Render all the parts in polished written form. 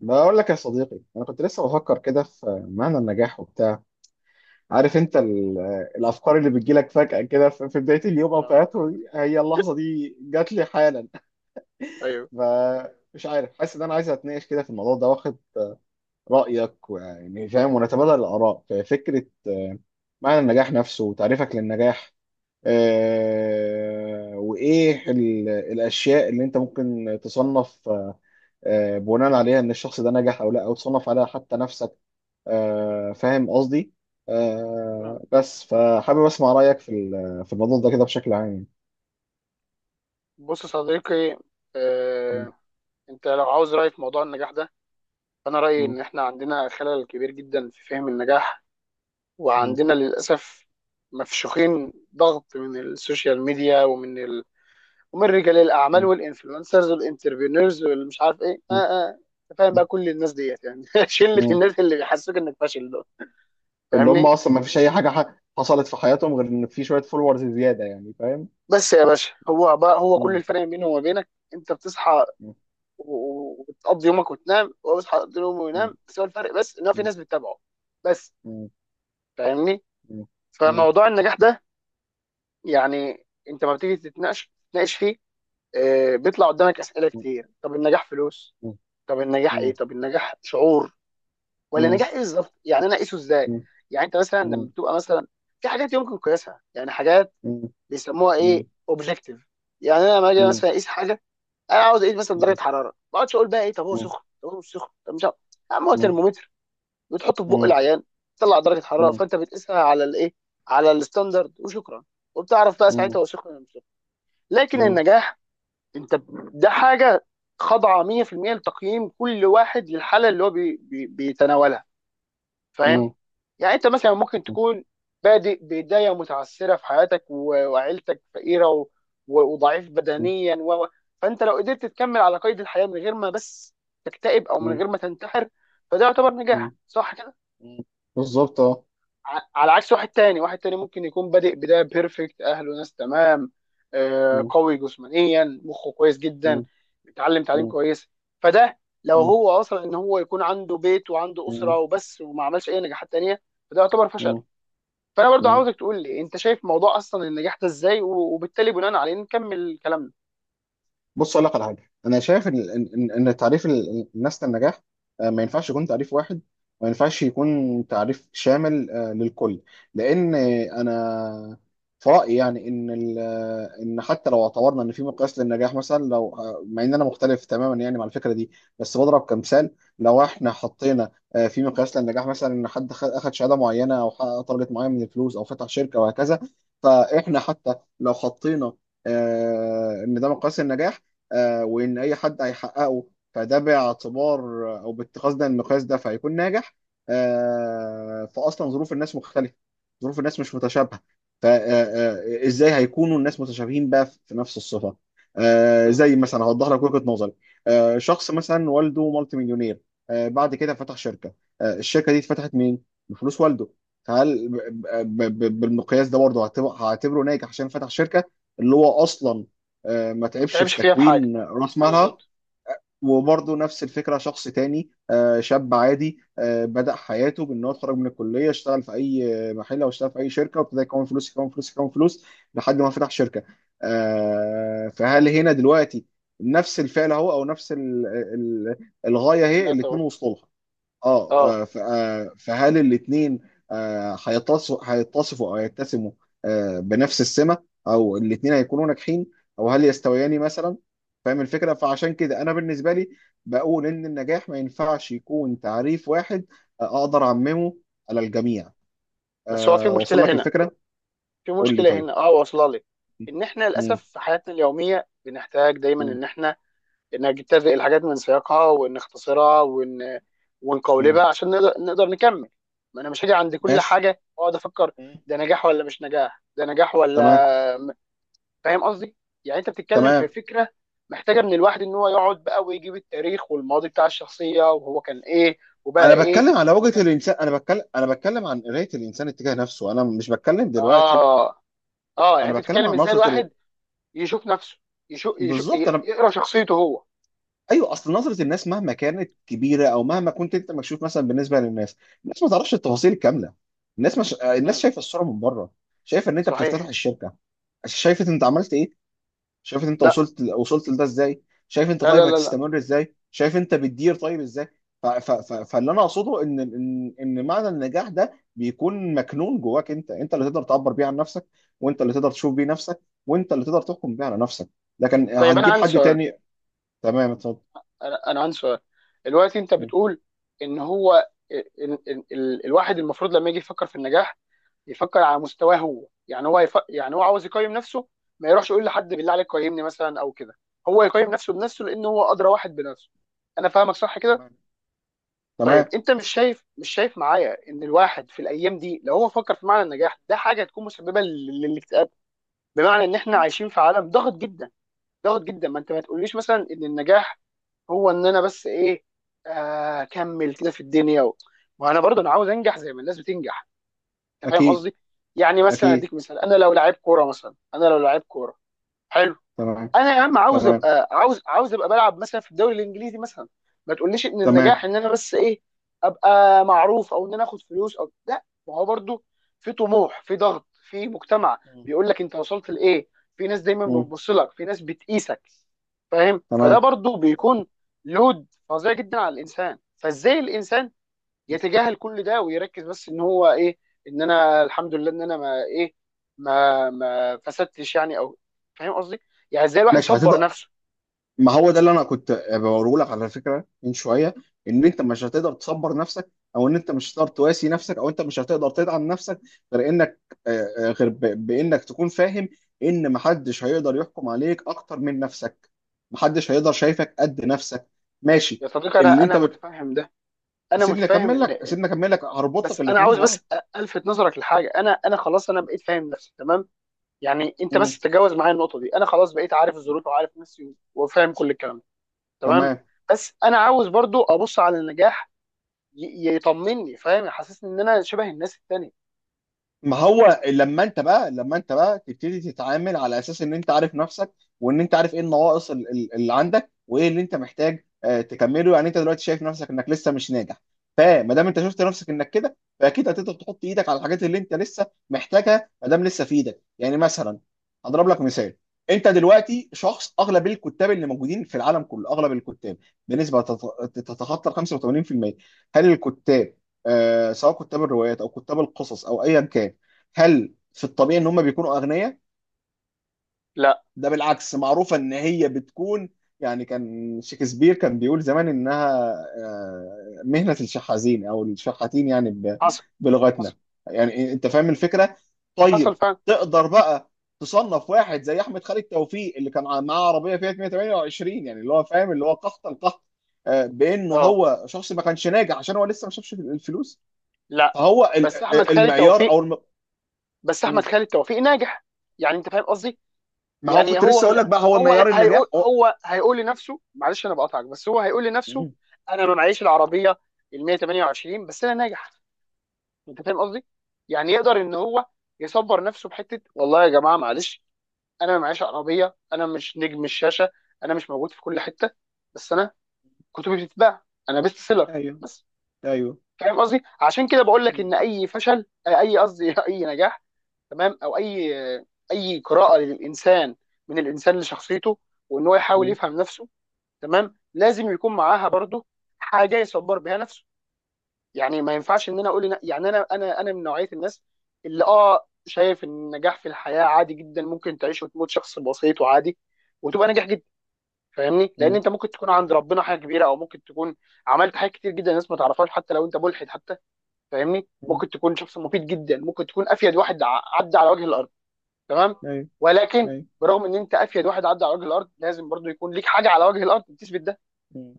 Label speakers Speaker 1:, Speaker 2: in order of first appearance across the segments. Speaker 1: بقول لك يا صديقي، انا كنت لسه بفكر كده في معنى النجاح وبتاع. عارف انت الافكار اللي بتجيلك فجأة كده في بداية اليوم او في
Speaker 2: اه
Speaker 1: اخره دي، هي اللحظة دي جات لي حالا.
Speaker 2: ايوه
Speaker 1: فمش عارف، حاسس ان انا عايز اتناقش كده في الموضوع ده واخد رأيك، ويعني فاهم، ونتبادل الاراء في فكرة معنى النجاح نفسه وتعريفك للنجاح. وايه الاشياء اللي انت ممكن تصنف بناء عليها ان الشخص ده نجح او لا، او تصنف عليها حتى نفسك. فاهم قصدي.
Speaker 2: آه.
Speaker 1: بس فحابب اسمع رايك في في الموضوع ده كده بشكل عام يعني.
Speaker 2: بص يا صديقي.
Speaker 1: م-.
Speaker 2: آه. انت لو عاوز راي في موضوع النجاح ده، فانا رايي
Speaker 1: م-.
Speaker 2: ان احنا عندنا خلل كبير جدا في فهم النجاح،
Speaker 1: م-.
Speaker 2: وعندنا للاسف مفشوخين ضغط من السوشيال ميديا ومن ومن رجال الاعمال
Speaker 1: م-.
Speaker 2: والانفلونسرز والانتربرينورز والمش عارف ايه
Speaker 1: م-.
Speaker 2: أنت فاهم بقى
Speaker 1: م-.
Speaker 2: كل الناس ديت يعني شله
Speaker 1: م.
Speaker 2: الناس اللي بيحسسوك انك فاشل دول،
Speaker 1: اللي هم
Speaker 2: فاهمني؟
Speaker 1: اصلا ما فيش اي حاجه حصلت في حياتهم غير ان في شويه فولورز زياده، يعني فاهم.
Speaker 2: بس يا باشا، هو كل
Speaker 1: م-.
Speaker 2: الفرق بينه وما بينك، انت بتصحى
Speaker 1: م-.
Speaker 2: و- و- وبتقضي يومك وتنام، وهو بيصحى يقضي يومه
Speaker 1: م-.
Speaker 2: وينام، بس هو الفرق بس ان هو في
Speaker 1: م-.
Speaker 2: ناس بتتابعه بس.
Speaker 1: م-.
Speaker 2: فاهمني؟
Speaker 1: م-. م-.
Speaker 2: فموضوع النجاح ده يعني انت ما بتيجي تتناقش فيه، بيطلع قدامك اسئله
Speaker 1: م-. م-.
Speaker 2: كتير. طب النجاح فلوس؟ طب
Speaker 1: م-.
Speaker 2: النجاح ايه؟
Speaker 1: م-.
Speaker 2: طب النجاح شعور؟ ولا
Speaker 1: م-.
Speaker 2: النجاح ايه بالظبط؟ يعني انا اقيسه ازاي؟
Speaker 1: م-.
Speaker 2: يعني انت مثلا لما
Speaker 1: م-.
Speaker 2: بتبقى مثلا في حاجات يمكن قياسها، يعني حاجات
Speaker 1: م-. م-.
Speaker 2: بيسموها
Speaker 1: م-. م-. م-.
Speaker 2: ايه، اوبجكتيف. يعني انا لما
Speaker 1: م-.
Speaker 2: اجي
Speaker 1: م-.
Speaker 2: مثلا اقيس حاجه، انا عاوز اقيس مثلا درجه حراره ما، اقعدش اقول بقى ايه طب هو سخن طب هو مش سخن طب مش عارف. يا عم هو
Speaker 1: م-. م-.
Speaker 2: ترمومتر بتحطه في بق العيان، تطلع درجه حراره، فانت بتقيسها على الايه، على الستاندرد وشكرا، وبتعرف بقى ساعتها هو سخن ولا مش سخن. لكن النجاح، ده حاجه خاضعه 100% لتقييم كل واحد للحاله اللي هو بي بي بيتناولها. فاهم؟ يعني انت مثلا ممكن تكون بادئ بدايه متعثره في حياتك، و- وعيلتك فقيره و- و- وضعيف بدنيا فانت لو قدرت تكمل على قيد الحياه من غير ما بس تكتئب او
Speaker 1: م-.
Speaker 2: من
Speaker 1: م-.
Speaker 2: غير ما تنتحر، فده يعتبر
Speaker 1: م-.
Speaker 2: نجاح صح كده؟
Speaker 1: م-. بالظبط، اه.
Speaker 2: على عكس واحد تاني، واحد تاني ممكن يكون بادئ بداية بيرفكت، أهله ناس تمام،
Speaker 1: مم.
Speaker 2: قوي جسمانيا، مخه كويس جدا،
Speaker 1: مم.
Speaker 2: بيتعلم تعليم
Speaker 1: مم.
Speaker 2: كويس، فده لو
Speaker 1: مم.
Speaker 2: هو أصلا إن هو يكون عنده بيت وعنده أسرة وبس وما عملش أي نجاحات تانية، فده يعتبر فشل.
Speaker 1: مم.
Speaker 2: فأنا برضو
Speaker 1: مم.
Speaker 2: عاوزك تقول لي أنت شايف موضوع أصلا النجاح ده إزاي، و- وبالتالي بناء عليه نكمل كلامنا.
Speaker 1: بص اقول لك على حاجه. انا شايف ان ان إن- إن تعريف الناس للنجاح ما ينفعش يكون تعريف واحد. ما ينفعش يكون تعريف شامل للكل. لان انا في رايي يعني ان ان حتى لو اعتبرنا ان في مقياس للنجاح مثلا، لو مع ان انا مختلف تماما يعني مع الفكره دي، بس بضرب كمثال، لو احنا حطينا في مقياس للنجاح مثلا ان حد اخد شهاده معينه او حقق تارجت معين من الفلوس او فتح شركه وهكذا. فاحنا حتى لو حطينا ان ده مقياس النجاح، وان اي حد هيحققه، فده باعتبار او باتخاذ ده المقياس ده فهيكون ناجح. فاصلا ظروف الناس مختلفه. ظروف الناس مش متشابهه. فازاي هيكونوا الناس متشابهين بقى في نفس الصفه؟
Speaker 2: مم.
Speaker 1: زي مثلا هوضح لك وجهه نظري. شخص مثلا والده مالتي مليونير، بعد كده فتح شركه. الشركه دي اتفتحت مين؟ بفلوس والده. فهل بالمقياس ده برضه هعتبره ناجح عشان فتح شركه، اللي هو اصلا ما
Speaker 2: ما
Speaker 1: تعبش
Speaker 2: تعبش
Speaker 1: في
Speaker 2: فيها في حاجة،
Speaker 1: تكوين راس مالها؟
Speaker 2: بالظبط.
Speaker 1: وبرضه نفس الفكره، شخص تاني شاب عادي بدأ حياته بان هو اتخرج من الكليه، اشتغل في اي محل او اشتغل في اي شركه وابتدى يكون فلوس يكون فلوس يكون فلوس لحد ما فتح شركه. فهل هنا دلوقتي نفس الفعل اهو، او نفس ال- الغايه هي،
Speaker 2: لا طبعا.
Speaker 1: الاتنين وصلوا لها؟
Speaker 2: اه.
Speaker 1: فهل الاثنين هيتصفوا او يتسموا بنفس السمه، او الاثنين هيكونوا ناجحين، او هل يستويان مثلا؟ فاهم الفكره؟ فعشان كده انا بالنسبه لي بقول ان النجاح ما ينفعش يكون تعريف واحد اقدر اعممه على الجميع.
Speaker 2: بس هو في
Speaker 1: وصل
Speaker 2: مشكلة
Speaker 1: لك
Speaker 2: هنا،
Speaker 1: الفكره؟
Speaker 2: في
Speaker 1: قول لي
Speaker 2: مشكله
Speaker 1: طيب.
Speaker 2: هنا اه، واصله لي ان احنا للاسف
Speaker 1: مم.
Speaker 2: في حياتنا اليوميه بنحتاج دايما
Speaker 1: مم.
Speaker 2: ان احنا نجتزئ الحاجات من سياقها ونختصرها ون...
Speaker 1: مم.
Speaker 2: ونقولبها عشان نقدر نكمل. ما انا مش هاجي عند كل
Speaker 1: ماشي.
Speaker 2: حاجه واقعد افكر
Speaker 1: مم.
Speaker 2: ده نجاح ولا مش نجاح، ده نجاح
Speaker 1: تمام.
Speaker 2: ولا م- فاهم قصدي؟ يعني انت بتتكلم في
Speaker 1: تمام.
Speaker 2: فكره محتاجه من الواحد ان هو يقعد بقى ويجيب التاريخ والماضي بتاع الشخصيه، وهو كان ايه وبقى
Speaker 1: انا
Speaker 2: ايه
Speaker 1: بتكلم على وجهة
Speaker 2: وكان،
Speaker 1: الانسان انا بتكلم انا بتكلم عن قراية الانسان اتجاه نفسه، انا مش بتكلم دلوقتي.
Speaker 2: اه اه يعني
Speaker 1: انا
Speaker 2: انت
Speaker 1: بتكلم
Speaker 2: بتتكلم
Speaker 1: عن
Speaker 2: ازاي
Speaker 1: نظره
Speaker 2: الواحد يشوف نفسه، يشوف
Speaker 1: بالظبط. انا.
Speaker 2: يقرا شخصيته هو.
Speaker 1: ايوه، اصل نظره الناس مهما كانت كبيره، او مهما كنت انت مكشوف مثلا بالنسبه للناس، الناس ما تعرفش التفاصيل الكامله. الناس مش... الناس
Speaker 2: مم.
Speaker 1: شايفه الصوره من بره. شايفه ان انت بتفتتح
Speaker 2: صحيح.
Speaker 1: الشركه، شايفه انت عملت ايه، شايف انت
Speaker 2: لا
Speaker 1: وصلت لده ازاي، شايف انت طيب
Speaker 2: لا.
Speaker 1: هتستمر ازاي، شايف انت بتدير طيب ازاي. ف... ف... ف... فاللي انا اقصده ان معنى النجاح ده بيكون مكنون جواك. انت انت اللي تقدر تعبر بيه عن نفسك، وانت اللي تقدر تشوف بيه نفسك، وانت اللي تقدر تحكم بيه على نفسك. لكن
Speaker 2: طيب انا
Speaker 1: هتجيب
Speaker 2: عندي
Speaker 1: حد
Speaker 2: سؤال،
Speaker 1: تاني؟ تمام، اتفضل.
Speaker 2: انا عندي سؤال. دلوقتي انت
Speaker 1: مم.
Speaker 2: بتقول ان هو الواحد المفروض لما يجي يفكر في النجاح يفكر على مستواه هو، يعني يعني هو عاوز يقيم نفسه، ما يروحش يقول لحد بالله عليك قيمني مثلا او كده، هو يقيم نفسه بنفسه لان هو ادرى واحد بنفسه. انا فاهمك صح كده؟
Speaker 1: تمام.
Speaker 2: طيب
Speaker 1: تمام.
Speaker 2: انت مش شايف، معايا ان الواحد في الايام دي لو هو فكر في معنى النجاح ده، حاجه هتكون مسببه للاكتئاب؟ بمعنى ان احنا عايشين في عالم ضغط جدا، ضغط جدا. ما انت ما تقوليش مثلا ان النجاح هو ان انا بس ايه، اكمل كده في الدنيا ما انا برضه انا عاوز انجح زي ما الناس بتنجح. انت فاهم
Speaker 1: اكيد.
Speaker 2: قصدي؟ يعني مثلا
Speaker 1: اكيد.
Speaker 2: اديك مثال، انا لو لعيب كوره مثلا، انا لو لعيب كوره حلو،
Speaker 1: تمام.
Speaker 2: انا يا عم عاوز
Speaker 1: تمام.
Speaker 2: ابقى، عاوز عاوز ابقى بلعب مثلا في الدوري الانجليزي مثلا، ما تقوليش ان
Speaker 1: تمام.
Speaker 2: النجاح ان انا بس ايه، ابقى معروف او ان انا اخد فلوس، او لا، ما هو برضو في طموح، في ضغط، في مجتمع
Speaker 1: مم.
Speaker 2: بيقول لك انت وصلت لايه، في ناس دايما
Speaker 1: مم.
Speaker 2: بتبص لك، في ناس بتقيسك، فاهم؟ فده
Speaker 1: تمام.
Speaker 2: برضو بيكون لود فظيع جدا على الانسان. فازاي الانسان يتجاهل كل ده ويركز بس ان هو ايه، ان انا الحمد لله ان انا ما ايه، ما فسدتش يعني، او فاهم قصدي، يعني ازاي الواحد
Speaker 1: ماشي،
Speaker 2: يصبر
Speaker 1: هتقدر.
Speaker 2: نفسه؟
Speaker 1: ما هو ده اللي انا كنت بقوله لك على فكره من شويه. ان انت مش هتقدر تصبر نفسك، او ان انت مش هتقدر تواسي نفسك، او انت مش هتقدر تدعم نفسك غير انك آه، آه، غير ب- بانك تكون فاهم ان محدش هيقدر يحكم عليك اكتر من نفسك. محدش هيقدر شايفك قد نفسك. ماشي.
Speaker 2: يا صديقي
Speaker 1: اللي
Speaker 2: انا
Speaker 1: انت
Speaker 2: انا
Speaker 1: بت...
Speaker 2: متفهم ده، انا
Speaker 1: سيبني
Speaker 2: متفهم
Speaker 1: اكمل لك،
Speaker 2: ان،
Speaker 1: هربط لك
Speaker 2: بس انا
Speaker 1: الاثنين
Speaker 2: عاوز بس
Speaker 1: ببعض.
Speaker 2: الفت نظرك لحاجه، انا خلاص انا بقيت فاهم نفسي تمام، يعني انت بس
Speaker 1: مم.
Speaker 2: تتجاوز معايا النقطه دي، انا خلاص بقيت عارف الظروف وعارف نفسي وفاهم كل الكلام ده تمام.
Speaker 1: تمام.
Speaker 2: بس انا عاوز برضو ابص على النجاح، يطمني، فاهم، يحسسني ان انا شبه الناس التانيه.
Speaker 1: ما هو لما انت بقى تبتدي تتعامل على اساس ان انت عارف نفسك، وان انت عارف ايه النواقص اللي عندك، وايه اللي انت محتاج تكمله. يعني انت دلوقتي شايف نفسك انك لسه مش ناجح، فما دام انت شفت نفسك انك كده، فاكيد هتقدر تحط ايدك على الحاجات اللي انت لسه محتاجها ما دام لسه في ايدك. يعني مثلا هضرب لك مثال، انت دلوقتي شخص، اغلب الكتاب اللي موجودين في العالم كله، اغلب الكتاب بنسبه تتخطى ال 85%، هل الكتاب سواء كتاب الروايات او كتاب القصص او ايا كان، هل في الطبيعي ان هم بيكونوا اغنياء؟
Speaker 2: لا.
Speaker 1: ده بالعكس، معروفه ان هي بتكون، يعني كان شكسبير كان بيقول زمان انها مهنه الشحاذين او الشحاتين يعني
Speaker 2: حصل.
Speaker 1: بلغتنا.
Speaker 2: حصل
Speaker 1: يعني انت فاهم الفكره.
Speaker 2: حصل
Speaker 1: طيب،
Speaker 2: فعلا.
Speaker 1: تقدر بقى تصنف واحد زي احمد خالد توفيق اللي كان معاه عربيه فيها 128، يعني اللي هو فاهم، اللي هو قحط القحط، بانه
Speaker 2: اه.
Speaker 1: هو شخص ما كانش ناجح عشان هو لسه ما شافش الفلوس؟
Speaker 2: لا،
Speaker 1: فهو
Speaker 2: بس احمد خالد
Speaker 1: المعيار او
Speaker 2: توفيق، بس احمد خالد توفيق ناجح، يعني انت فاهم قصدي،
Speaker 1: ما هو
Speaker 2: يعني
Speaker 1: كنت
Speaker 2: هو
Speaker 1: لسه اقول
Speaker 2: مش،
Speaker 1: لك، بقى هو معيار النجاح هو.
Speaker 2: هو هيقول لنفسه، معلش انا بقاطعك، بس هو هيقول لنفسه
Speaker 1: مم.
Speaker 2: انا ما معيش العربيه ال 128، بس انا ناجح. انت فاهم قصدي؟ يعني يقدر ان هو يصبر نفسه بحته، والله يا جماعه معلش، انا ما معيش عربيه، انا مش نجم الشاشه، انا مش موجود في كل حته، بس انا كتبي بتتباع، انا بيست سيلر
Speaker 1: ايوه.
Speaker 2: بس.
Speaker 1: ايوه.
Speaker 2: فاهم قصدي؟ عشان كده بقول لك ان
Speaker 1: مم.
Speaker 2: اي فشل، اي قصدي اي نجاح تمام، او اي، اي قراءه للانسان من الانسان لشخصيته، وان هو يحاول
Speaker 1: مم.
Speaker 2: يفهم نفسه تمام، لازم يكون معاها برضه حاجه يصبر بها نفسه. يعني ما ينفعش ان انا اقول يعني انا من نوعيه الناس اللي اه شايف ان النجاح في الحياه عادي جدا، ممكن تعيش وتموت شخص بسيط وعادي وتبقى ناجح جدا. فاهمني؟ لان
Speaker 1: مم.
Speaker 2: انت ممكن تكون عند ربنا حاجه كبيره، او ممكن تكون عملت حاجات كتير جدا الناس ما تعرفهاش، حتى لو انت ملحد حتى، فاهمني؟
Speaker 1: ايوه.
Speaker 2: ممكن تكون شخص مفيد جدا، ممكن تكون افيد واحد عدى على وجه الارض، تمام،
Speaker 1: ايوه.
Speaker 2: ولكن
Speaker 1: ايوه.
Speaker 2: برغم ان انت افيد واحد عدى على وجه الارض، لازم برضو يكون ليك حاجه على وجه الارض بتثبت ده.
Speaker 1: مم.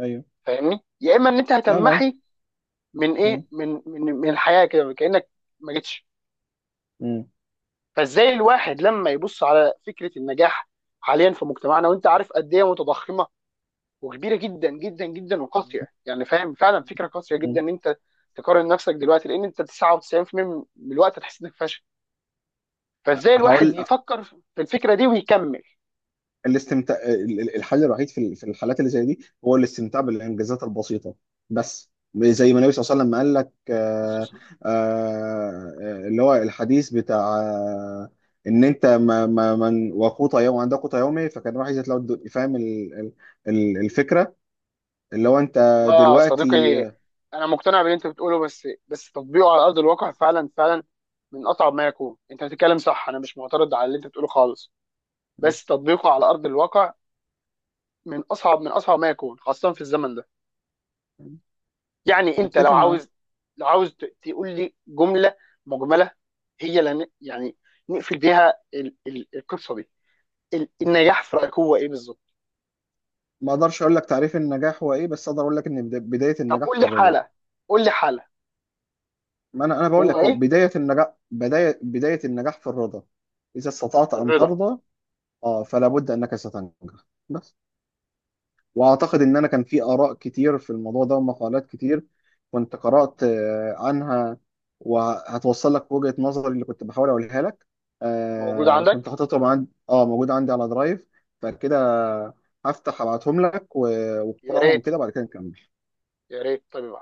Speaker 1: ايوه.
Speaker 2: فاهمني؟ يا اما ان انت
Speaker 1: فاهم قصدي؟
Speaker 2: هتمحي من ايه،
Speaker 1: مم.
Speaker 2: من من من الحياه كده كانك ما جيتش.
Speaker 1: مم.
Speaker 2: فازاي الواحد لما يبص على فكره النجاح حاليا في مجتمعنا، وانت عارف قد ايه متضخمه وكبيره جدا جدا وقاسيه، يعني فاهم، فعلا فكره قاسيه
Speaker 1: مم.
Speaker 2: جدا ان انت تقارن نفسك دلوقتي، لان انت 99% من الوقت هتحس انك فاشل. فازاي الواحد
Speaker 1: هقول،
Speaker 2: يفكر في الفكره دي ويكمل؟
Speaker 1: الاستمتاع، الحل الوحيد في في الحالات اللي زي دي هو الاستمتاع بالانجازات البسيطه بس. زي ما النبي صلى
Speaker 2: مم.
Speaker 1: الله عليه وسلم قال لك
Speaker 2: أساساً.
Speaker 1: اللي هو الحديث بتاع ان انت ما من وقوت يوم عند قوت يومي فكان راح يزيد، لو فاهم الفكره. اللي هو انت
Speaker 2: والله يا
Speaker 1: دلوقتي
Speaker 2: صديقي انا مقتنع باللي انت بتقوله، بس تطبيقه على ارض الواقع، فعلا فعلا من اصعب ما يكون. انت بتتكلم صح، انا مش معترض على اللي انت بتقوله خالص، بس تطبيقه على ارض الواقع من اصعب ما يكون، خاصه في الزمن ده. يعني انت لو
Speaker 1: اتفق معاه.
Speaker 2: عاوز، لو عاوز تقول لي جمله مجمله، هي لن يعني نقفل بيها القصه دي، النجاح في رايك هو ايه بالظبط؟
Speaker 1: ما اقدرش اقول لك تعريف النجاح هو ايه، بس اقدر اقول لك ان بدايه
Speaker 2: طب
Speaker 1: النجاح
Speaker 2: قول
Speaker 1: في
Speaker 2: لي
Speaker 1: الرضا.
Speaker 2: حاله، قول لي حاله
Speaker 1: ما انا بقول
Speaker 2: هو
Speaker 1: لك هو
Speaker 2: ايه؟
Speaker 1: بدايه النجاح، بدايه النجاح في الرضا. اذا استطعت ان
Speaker 2: الرضا
Speaker 1: ترضى، اه، فلا بد انك ستنجح. بس. واعتقد ان انا كان في اراء كتير في الموضوع ده ومقالات كتير كنت قرات عنها، وهتوصل لك وجهه نظري اللي كنت بحاول اقولها لك.
Speaker 2: موجود
Speaker 1: آه، كنت
Speaker 2: عندك؟
Speaker 1: حاططهم عندي، اه، موجود عندي على درايف. فكده هفتح ابعتهم لك،
Speaker 2: يا
Speaker 1: واقراهم
Speaker 2: ريت،
Speaker 1: كده بعد كده نكمل.
Speaker 2: يا ريت طيب.